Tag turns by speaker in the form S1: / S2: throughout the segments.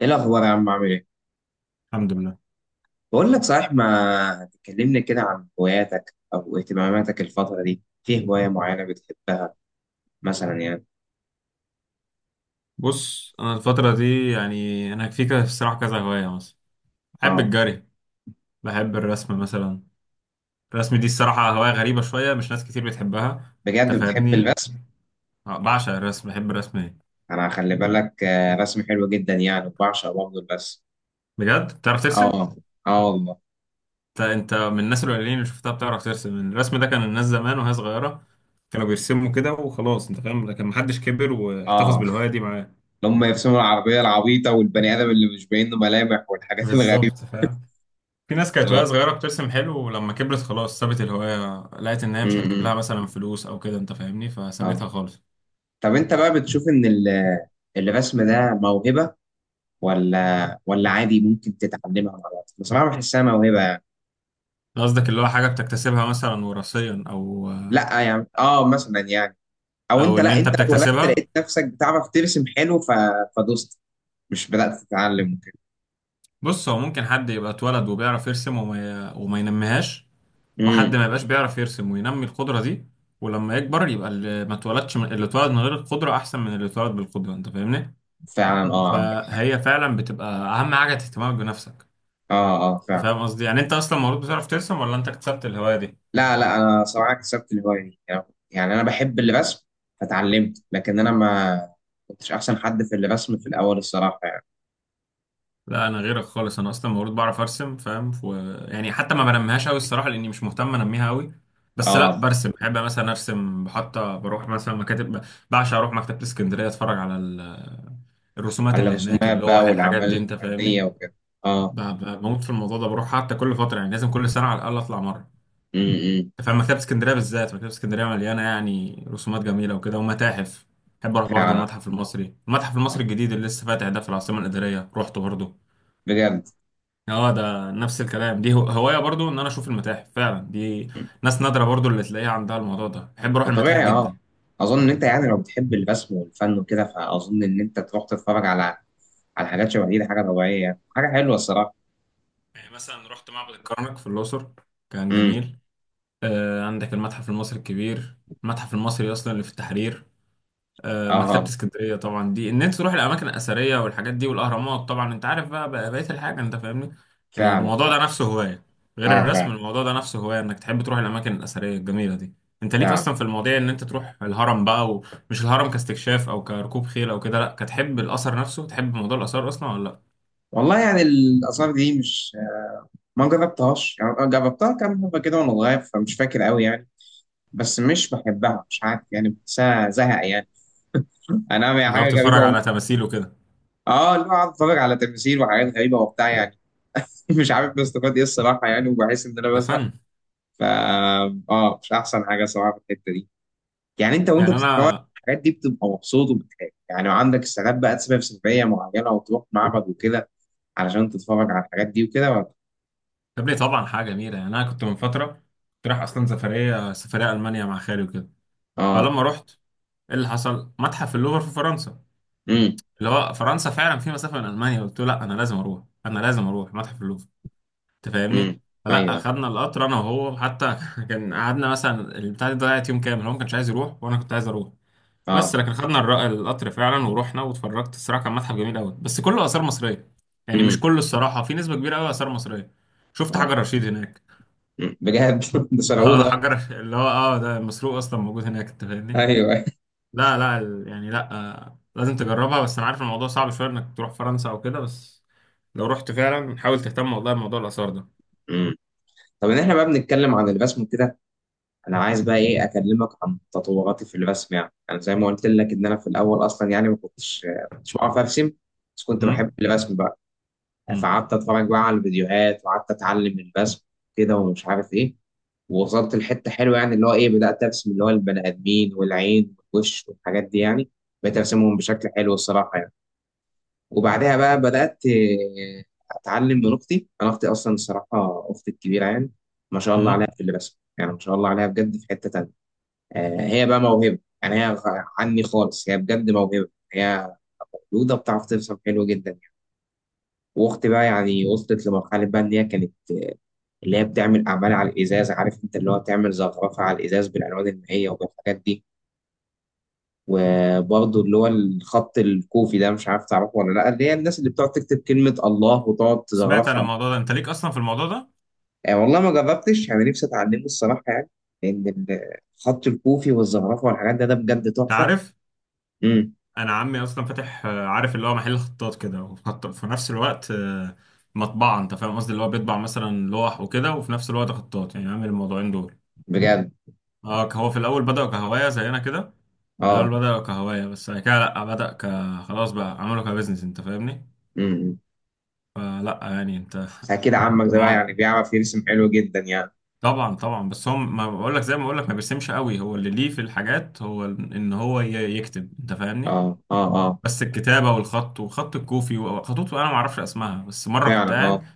S1: ايه الاخبار يا عم؟ عامل ايه؟
S2: الحمد لله.
S1: بقول لك صحيح، ما تكلمني كده عن هواياتك او اهتماماتك؟ الفتره دي في هوايه معينه بتحبها مثلا يعني
S2: بص انا الفتره دي، يعني انا في كده الصراحه كذا هوايه مثلا. بحب
S1: اه
S2: الجري، بحب الرسم مثلا. الرسم دي الصراحه هوايه غريبه شويه، مش ناس كتير بتحبها، انت
S1: بجد بتحب
S2: فاهمني؟
S1: الرسم؟
S2: آه، بعشق الرسم، بحب الرسم ايه.
S1: انا خلي بالك رسم حلو جدا يعني، بعشق برضه الرسم.
S2: بجد بتعرف ترسم؟
S1: اه اه والله.
S2: انت من الناس القليلين اللي شفتها بتعرف ترسم. الرسم ده كان الناس زمان وهي صغيره كانوا بيرسموا كده وخلاص، انت فاهم، لكن محدش كبر واحتفظ
S1: اه،
S2: بالهوايه دي معاه.
S1: لما يرسموا العربيه العبيطه والبني ادم اللي مش باين له ملامح والحاجات الغريبه.
S2: بالظبط، فاهم. في ناس كانت
S1: اه.
S2: وهي صغيرة بترسم حلو، ولما كبرت خلاص سابت الهواية، لقيت إن هي مش هتجيب لها
S1: امم.
S2: مثلا فلوس أو كده، أنت فاهمني، فسابتها
S1: اه.
S2: خالص.
S1: طب انت بقى بتشوف ان الرسم ده موهبه ولا عادي ممكن تتعلمها مع الوقت؟ بصراحه بحسها موهبه.
S2: قصدك اللي هو حاجة بتكتسبها مثلا وراثيا أو
S1: لا يعني اه، مثلا يعني، او
S2: أو
S1: انت،
S2: إن
S1: لا،
S2: أنت
S1: انت اتولدت
S2: بتكتسبها.
S1: لقيت نفسك بتعرف ترسم حلو فدوست، مش بدات تتعلم وكده.
S2: بص، هو ممكن حد يبقى اتولد وبيعرف يرسم، وما ينميهاش، وحد
S1: امم.
S2: ما يبقاش بيعرف يرسم وينمي القدرة دي، ولما يكبر يبقى اللي اتولد من غير القدرة أحسن من اللي اتولد بالقدرة، أنت فاهمني.
S1: فعلا اه، عندك حق.
S2: فهي فعلا بتبقى أهم حاجة اهتمامك بنفسك.
S1: اه
S2: أنت
S1: فعلا.
S2: فاهم قصدي؟ يعني أنت أصلا مولود بتعرف ترسم ولا أنت اكتسبت الهواية دي؟
S1: لا انا صراحه كسبت الهوايه دي يعني، يعني انا بحب الرسم فتعلمت، لكن انا ما كنتش احسن حد في الرسم في الاول الصراحه يعني.
S2: لا، انا غيرك خالص، انا اصلا المفروض بعرف ارسم، فاهم؟ يعني حتى ما بنميهاش قوي الصراحه، لاني مش مهتم انميها قوي. بس لا،
S1: اه،
S2: برسم، بحب مثلا ارسم، بحط بروح مثلا مكاتب. بعشق اروح مكتبه اسكندريه، اتفرج على الرسومات
S1: على
S2: اللي هناك،
S1: الرسومات بقى
S2: اللوح، الحاجات دي،
S1: والاعمال
S2: انت
S1: الفنيه
S2: فاهمني.
S1: وكده. اه.
S2: بموت في الموضوع ده، بروح حتى كل فتره، يعني لازم كل سنه على الاقل اطلع مره.
S1: امم.
S2: فاهم، مكتبه اسكندريه بالذات، مكتبه اسكندريه مليانه يعني رسومات جميله وكده، ومتاحف. بحب اروح برضو
S1: فعلا.
S2: المتحف المصري، المتحف المصري
S1: آه.
S2: الجديد اللي لسه فاتح ده في العاصمه الاداريه، روحته برضو.
S1: بجد.
S2: اه، ده نفس الكلام، دي هواية برضو ان انا اشوف المتاحف فعلا. دي ناس نادرة برضو اللي تلاقيها عندها الموضوع ده، بحب اروح
S1: ما
S2: المتاحف
S1: طبيعي
S2: جدا.
S1: اه. اظن ان انت يعني لو بتحب الرسم والفن وكده، فاظن ان انت تروح تتفرج على، على حاجات شبه دي. ده حاجه طبيعيه يعني، حاجه حلوه الصراحه.
S2: يعني مثلا رحت معبد الكرنك في الاقصر، كان
S1: امم.
S2: جميل. عندك المتحف المصري الكبير، المتحف المصري اصلا اللي في التحرير،
S1: اه.
S2: مكتبة
S1: آه.
S2: اسكندرية طبعا. دي ان انت تروح الاماكن الاثرية والحاجات دي والاهرامات، طبعا انت عارف بقى بقية الحاجة، انت فاهمني.
S1: فعلا
S2: الموضوع
S1: فعلا
S2: ده نفسه هواية، غير
S1: اه
S2: الرسم
S1: فعلا
S2: الموضوع ده نفسه هواية انك تحب تروح الاماكن الاثرية الجميلة دي. انت ليك
S1: فعلا
S2: اصلا في المواضيع ان انت تروح الهرم بقى، ومش الهرم كاستكشاف او كركوب خيل او كده، لا، كتحب الاثر نفسه، تحب موضوع الاثار اصلا ولا لا؟
S1: والله يعني الاثار دي مش، ما جربتهاش يعني، أنا جربتها كام مره كده وانا صغير فمش فاكر قوي يعني. بس مش بحبها، مش عارف يعني، بحسها زهق يعني. انا يعني
S2: اللي هو
S1: حاجه غريبه
S2: بتتفرج على تماثيل وكده.
S1: اه، اللي هو قاعد اتفرج على تماثيل وحاجات غريبه وبتاع يعني. مش عارف بستفاد ايه الصراحه يعني، وبحس ان انا
S2: ده
S1: بزهق.
S2: فن.
S1: ف اه، مش احسن حاجه صراحه في الحته دي. يعني انت وانت
S2: يعني
S1: بتتفرج
S2: انا،
S1: الحاجات دي بتبقى مبسوط وبتحب يعني، وعندك ساعات بقى تسافر سفريه معينه وتروح معبد وكده علشان تتفرج على الحاجات دي وكده، ولا؟
S2: يا ابني طبعا حاجة جميلة. يعني انا كنت من فترة كنت رايح اصلا سفرية، سفرية المانيا مع خالي وكده،
S1: اه.
S2: فلما رحت، ايه اللي حصل، متحف اللوفر في فرنسا،
S1: امم.
S2: اللي هو فرنسا فعلا في مسافه من المانيا، قلت له لا، انا لازم اروح متحف اللوفر، انت
S1: امم.
S2: فاهمني. فلا،
S1: ايوه.
S2: اخدنا القطر انا وهو حتى كان قعدنا مثلا البتاع دي، ضيعت يوم كامل، هو ما كانش عايز يروح وانا كنت عايز اروح. بس
S1: اه.
S2: لكن خدنا القطر فعلا ورحنا، واتفرجت. الصراحه كان متحف جميل قوي، بس كله اثار مصريه. يعني مش
S1: امم.
S2: كله الصراحه، في نسبه كبيره قوي اثار مصريه. شفت
S1: اه.
S2: حجر رشيد هناك.
S1: مم، بجد؟ ده سرقوه
S2: اه،
S1: ده.
S2: حجر اللي هو، اه ده مسروق اصلا موجود هناك، انت فاهمني.
S1: ايوه.
S2: لا لا، يعني لا، لازم تجربها. بس انا عارف الموضوع صعب شويه انك تروح فرنسا او كده، بس لو رحت فعلا حاول تهتم والله بموضوع الاثار ده.
S1: امم. طب ان احنا بقى بنتكلم عن الرسم وكده، انا عايز بقى ايه اكلمك عن تطوراتي في الرسم. يعني انا زي ما قلت لك ان انا في الاول اصلا يعني ما كنتش بعرف ارسم، بس كنت بحب
S2: امم.
S1: الرسم بقى،
S2: امم.
S1: فقعدت اتفرج بقى على الفيديوهات وقعدت اتعلم الرسم كده ومش عارف ايه. ووصلت لحته حلوه يعني، اللي هو ايه، بدات ارسم اللي هو البني ادمين والعين والوش والحاجات دي يعني، بقيت ارسمهم بشكل حلو الصراحه يعني. وبعدها بقى بدات اتعلم من اختي. انا اختي اصلا الصراحه، اختي الكبيره يعني، ما شاء الله عليها
S2: امم.
S1: في الرسم يعني، ما شاء الله عليها بجد، في حته تانيه. هي بقى موهبه يعني، عني خالص، هي بجد موهبه، هي مولوده بتعرف ترسم حلو جدا يعني. واختي بقى يعني وصلت لمرحله بقى ان هي كانت اللي هي بتعمل أعمال على الإزاز، عارف أنت، اللي هو بتعمل زخرفة على الإزاز بالألوان المائية وبالحاجات دي. وبرضه اللي هو الخط الكوفي ده، مش عارف تعرفه ولا لأ، اللي هي الناس اللي بتقعد تكتب كلمة الله وتقعد
S2: سمعت عن
S1: تزخرفها.
S2: الموضوع ده، انت ليك اصلا في الموضوع ده؟
S1: يعني والله ما جربتش أنا نفسي أتعلمه الصراحة يعني، لأن الخط الكوفي والزخرفة والحاجات ده، بجد
S2: انت
S1: تحفة.
S2: عارف،
S1: امم.
S2: انا عمي اصلا فاتح، عارف، اللي هو محل خطاط كده، وفي في نفس الوقت مطبعه، انت فاهم قصدي، اللي هو بيطبع مثلا لوح وكده، وفي نفس الوقت خطاط، يعني عامل الموضوعين دول.
S1: بجد.
S2: اه، هو في الاول بدأ كهوايه زينا كده، في الاول
S1: اه.
S2: بدأ كهوايه، بس بعد كده لا، بدأ خلاص بقى عمله كبزنس، انت فاهمني.
S1: امم.
S2: فلا يعني انت،
S1: أكيد عمك ده بقى
S2: ما
S1: يعني بيعرف يرسم حلو جدا يعني.
S2: طبعا طبعا. بس هم ما بقول لك، زي ما بقول لك، ما بيرسمش قوي، هو اللي ليه في الحاجات، هو ان هو يكتب، انت
S1: اه
S2: فاهمني.
S1: اه اه
S2: بس الكتابه والخط وخط الكوفي وخطوط انا ما اعرفش اسمها. بس مره كنت
S1: فعلا.
S2: قاعد،
S1: اه.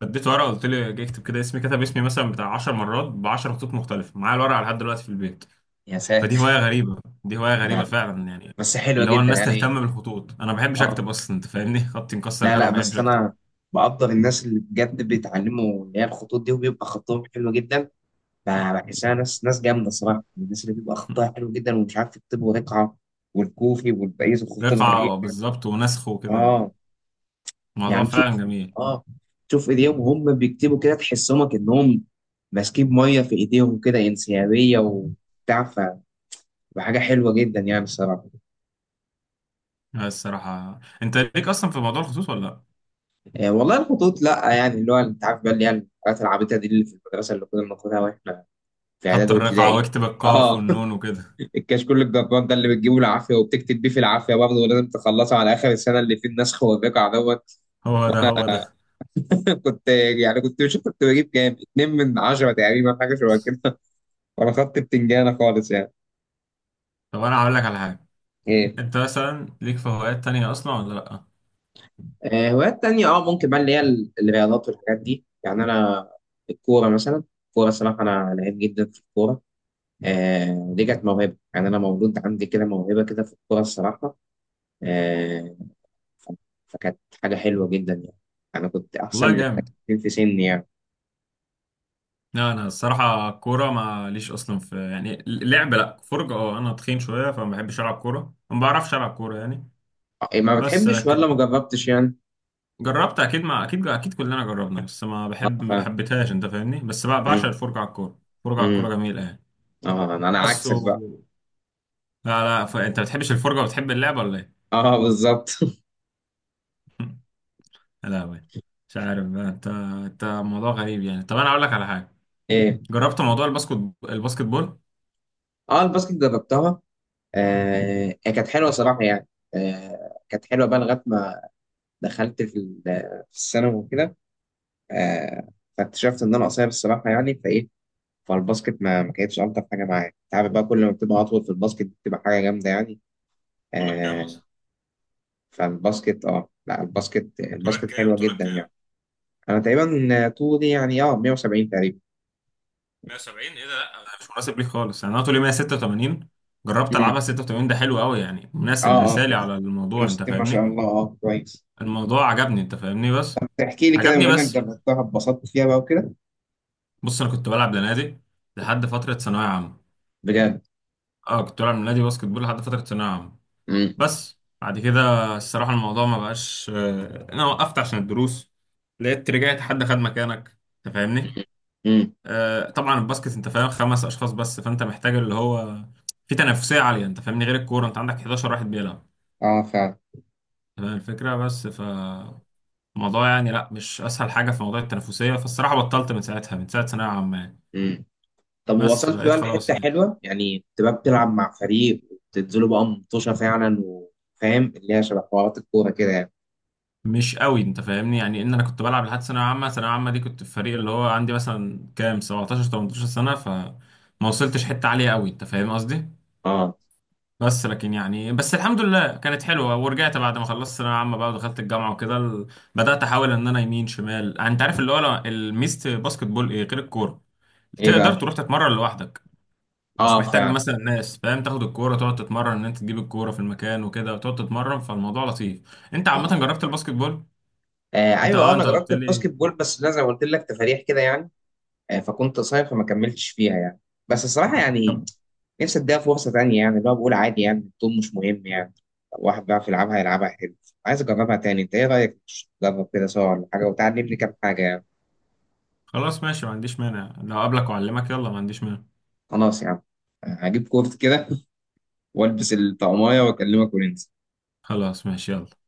S2: فديت ورقه، قلت له اجي اكتب كده اسمي، كتب اسمي مثلا بتاع 10 مرات ب 10 خطوط مختلفه، معايا الورقه لحد دلوقتي في البيت.
S1: يا
S2: فدي
S1: ساتر.
S2: هوايه غريبه، دي هوايه غريبه
S1: لا،
S2: فعلا يعني،
S1: بس حلوة
S2: اللي هو
S1: جدا
S2: الناس تهتم
S1: يعني.
S2: بالخطوط. انا ما بحبش
S1: اه.
S2: اكتب اصلا، انت فاهمني، خطي مكسر
S1: لا
S2: كده،
S1: لا
S2: ما بحبش
S1: بس
S2: اكتب.
S1: انا بقدر الناس اللي بجد بيتعلموا اللي هي الخطوط دي وبيبقى خطهم حلو جدا. بحسها ناس جامده صراحه، الناس اللي بيبقى خطها حلو جدا، ومش عارف يكتبوا رقعه والكوفي والباقي الخطوط
S2: رقعه
S1: الغريبه.
S2: بالظبط، ونسخ وكده.
S1: اه.
S2: موضوع
S1: يعني تشوف،
S2: فعلا جميل.
S1: اه، تشوف ايديهم وهم بيكتبوا كده، تحسهم كانهم ماسكين ميه في ايديهم كده، انسيابيه وبتاع. فحاجه حلوه جدا يعني الصراحه.
S2: لا، الصراحة انت ليك اصلا في موضوع الخطوط ولا لا؟
S1: آه والله الخطوط، لا يعني، اللي هو انت عارف بقى، اللي هي الحاجات العبيطه دي اللي في المدرسه اللي كنا بناخدها واحنا في
S2: خط
S1: اعدادي
S2: الرقعة،
S1: وابتدائي.
S2: واكتب القاف
S1: اه.
S2: والنون وكده.
S1: الكشكول الجبار ده، اللي بتجيبه العافيه وبتكتب بيه في العافيه برضه، ولازم تخلصه على اخر السنه، اللي فيه النسخ والرقع دوت.
S2: هو ده هو ده.
S1: كنت يعني، كنت مش، كنت بجيب كام؟ اتنين من عشره تقريبا، حاجه شبه كده. وانا خدت بتنجانه خالص يعني.
S2: طب انا هقول لك على حاجة،
S1: ايه؟
S2: انت مثلا ليك في هوايات تانية اصلا ولا لا؟
S1: هوايات تانية، اه، ممكن بقى اللي هي الرياضات والحاجات دي يعني. انا الكوره مثلا، الكوره الصراحه انا لعيب جدا في الكوره. آه، دي كانت موهبه يعني، انا مولود عندي كده موهبه كده في الكوره الصراحه. آه. ف- فكانت حاجة حلوة جدا يعني. أنا كنت أحسن
S2: والله
S1: من
S2: جامد.
S1: الأكاديميين في سني يعني.
S2: لا، انا الصراحة كورة ما ليش اصلا في يعني لعب، لا، فرجة اه، انا تخين شوية، فما بحبش العب كورة، ما بعرفش العب كورة يعني.
S1: آه، إيه، ما
S2: بس
S1: بتحبش ولا
S2: لكن
S1: ما جربتش يعني؟
S2: جربت اكيد، ما اكيد اكيد كلنا جربنا، بس
S1: أه،
S2: ما
S1: فاهم.
S2: بحبتهاش، انت فاهمني. بس بعشق
S1: أمم.
S2: الفرجة على الكورة، الفرجة على الكورة
S1: أمم.
S2: جميلة يعني.
S1: أه، أنا
S2: بس
S1: عكسك
S2: و...
S1: بقى.
S2: لا لا، انت بتحبش الفرجة وبتحب اللعبة ولا ايه؟
S1: أه بالظبط.
S2: لا بي. مش عارف بقى انت موضوع غريب يعني. طب انا اقول لك على حاجة،
S1: إيه؟
S2: جربت موضوع الباسكت، الباسكت بول؟
S1: أه الباسكت جربتها. آه هي كانت حلوة صراحة يعني، آه كانت حلوة بقى لغاية ما دخلت في في الثانوي وكده. آه. فاكتشفت إن أنا قصير الصراحة يعني، فإيه، فالباسكت ما كانتش ألطف حاجة معايا. أنت عارف بقى، كل ما بتبقى أطول في الباسكت بتبقى حاجة جامدة يعني.
S2: طولك كام
S1: آه.
S2: اصلا؟
S1: فالباسكت اه، لا، الباسكت
S2: طولك
S1: الباسكت
S2: كام
S1: حلوة
S2: طولك
S1: جدا
S2: كام
S1: يعني. انا تقريبا طولي يعني اه 170 تقريبا.
S2: 170 ايه ده؟ لا مش مناسب ليك خالص يعني، انا طولي 186، جربت العبها،
S1: امم.
S2: 86 ده حلو قوي يعني،
S1: اه
S2: مناسب
S1: اه
S2: مثالي على الموضوع، انت
S1: 160 ما شاء
S2: فاهمني.
S1: الله، اه كويس.
S2: الموضوع عجبني انت فاهمني، بس
S1: تحكي لي كده
S2: عجبني
S1: بما انك
S2: بس.
S1: جربتها، اتبسطت فيها بقى وكده؟
S2: بص، انا كنت بلعب لنادي لحد فترة ثانوية عامة.
S1: بجد؟
S2: اه كنت بلعب لنادي باسكت بول لحد فترة ثانوية عامة.
S1: امم.
S2: بس بعد كده الصراحة الموضوع ما بقاش، أنا وقفت عشان الدروس، لقيت رجعت حد خد مكانك، أنت فاهمني؟
S1: امم.
S2: طبعا الباسكت أنت فاهم خمس أشخاص بس، فأنت محتاج اللي هو في تنافسية عالية، أنت فاهمني، غير الكورة، أنت عندك 11 واحد بيلعب،
S1: اه فعلا.
S2: أنت فاهم الفكرة، بس فالموضوع يعني لأ، مش أسهل حاجة في موضوع التنافسية، فالصراحة بطلت من ساعتها، من ساعة ثانوية عامة يعني.
S1: امم. طب
S2: بس
S1: وصلت
S2: بقيت
S1: بقى
S2: خلاص
S1: لحته
S2: يعني،
S1: حلوه يعني، تبقى بتلعب مع فريق وتنزلوا بقى مطوشه فعلا، وفاهم اللي هي شبه حوارات الكوره كده يعني.
S2: مش قوي انت فاهمني، يعني ان انا كنت بلعب لحد ثانويه عامه، ثانويه عامه دي كنت في فريق اللي هو عندي مثلا كام 17 18 سنه، فما وصلتش حته عاليه قوي، انت فاهم قصدي.
S1: اه.
S2: بس لكن يعني، بس الحمد لله كانت حلوه، ورجعت بعد ما خلصت ثانويه عامه بقى ودخلت الجامعه وكده، بدات احاول ان انا يمين شمال. يعني انت عارف، اللي هو الميزه باسكت بول ايه غير الكوره؟
S1: ايه
S2: تقدر
S1: بقى؟
S2: تروح تتمرن لوحدك، مش
S1: اه
S2: محتاج
S1: فعلا.
S2: مثلا ناس، فاهم، تاخد الكوره تقعد تتمرن، ان انت تجيب الكوره في المكان وكده وتقعد تتمرن، فالموضوع لطيف. انت
S1: اه.
S2: عامه
S1: آه،
S2: جربت
S1: فعلا.
S2: الباسكت بول؟
S1: آه
S2: انت
S1: ايوه،
S2: اه
S1: انا
S2: انت
S1: جربت
S2: قلت
S1: الباسكت
S2: لي.
S1: بول، بس لا زي ما قلت لك، تفاريح كده يعني. فكنت صايم فما كملتش فيها يعني. بس الصراحة يعني، نفسي اديها فرصة تانية يعني، اللي هو بقول عادي يعني، الطول مش مهم يعني، لو واحد بيعرف يلعبها يلعبها حلو. عايز اجربها تاني، انت ايه رأيك؟ تجرب كده سوا ولا حاجة، وتعلمني كام حاجة يعني؟
S2: خلاص ماشي، ما عنديش مانع، لو قبلك وأعلمك يلا، ما عنديش مانع.
S1: خلاص يعني. هجيب كورت كده والبس الطقمية واكلمك وننزل.
S2: خلاص ماشي، يلا.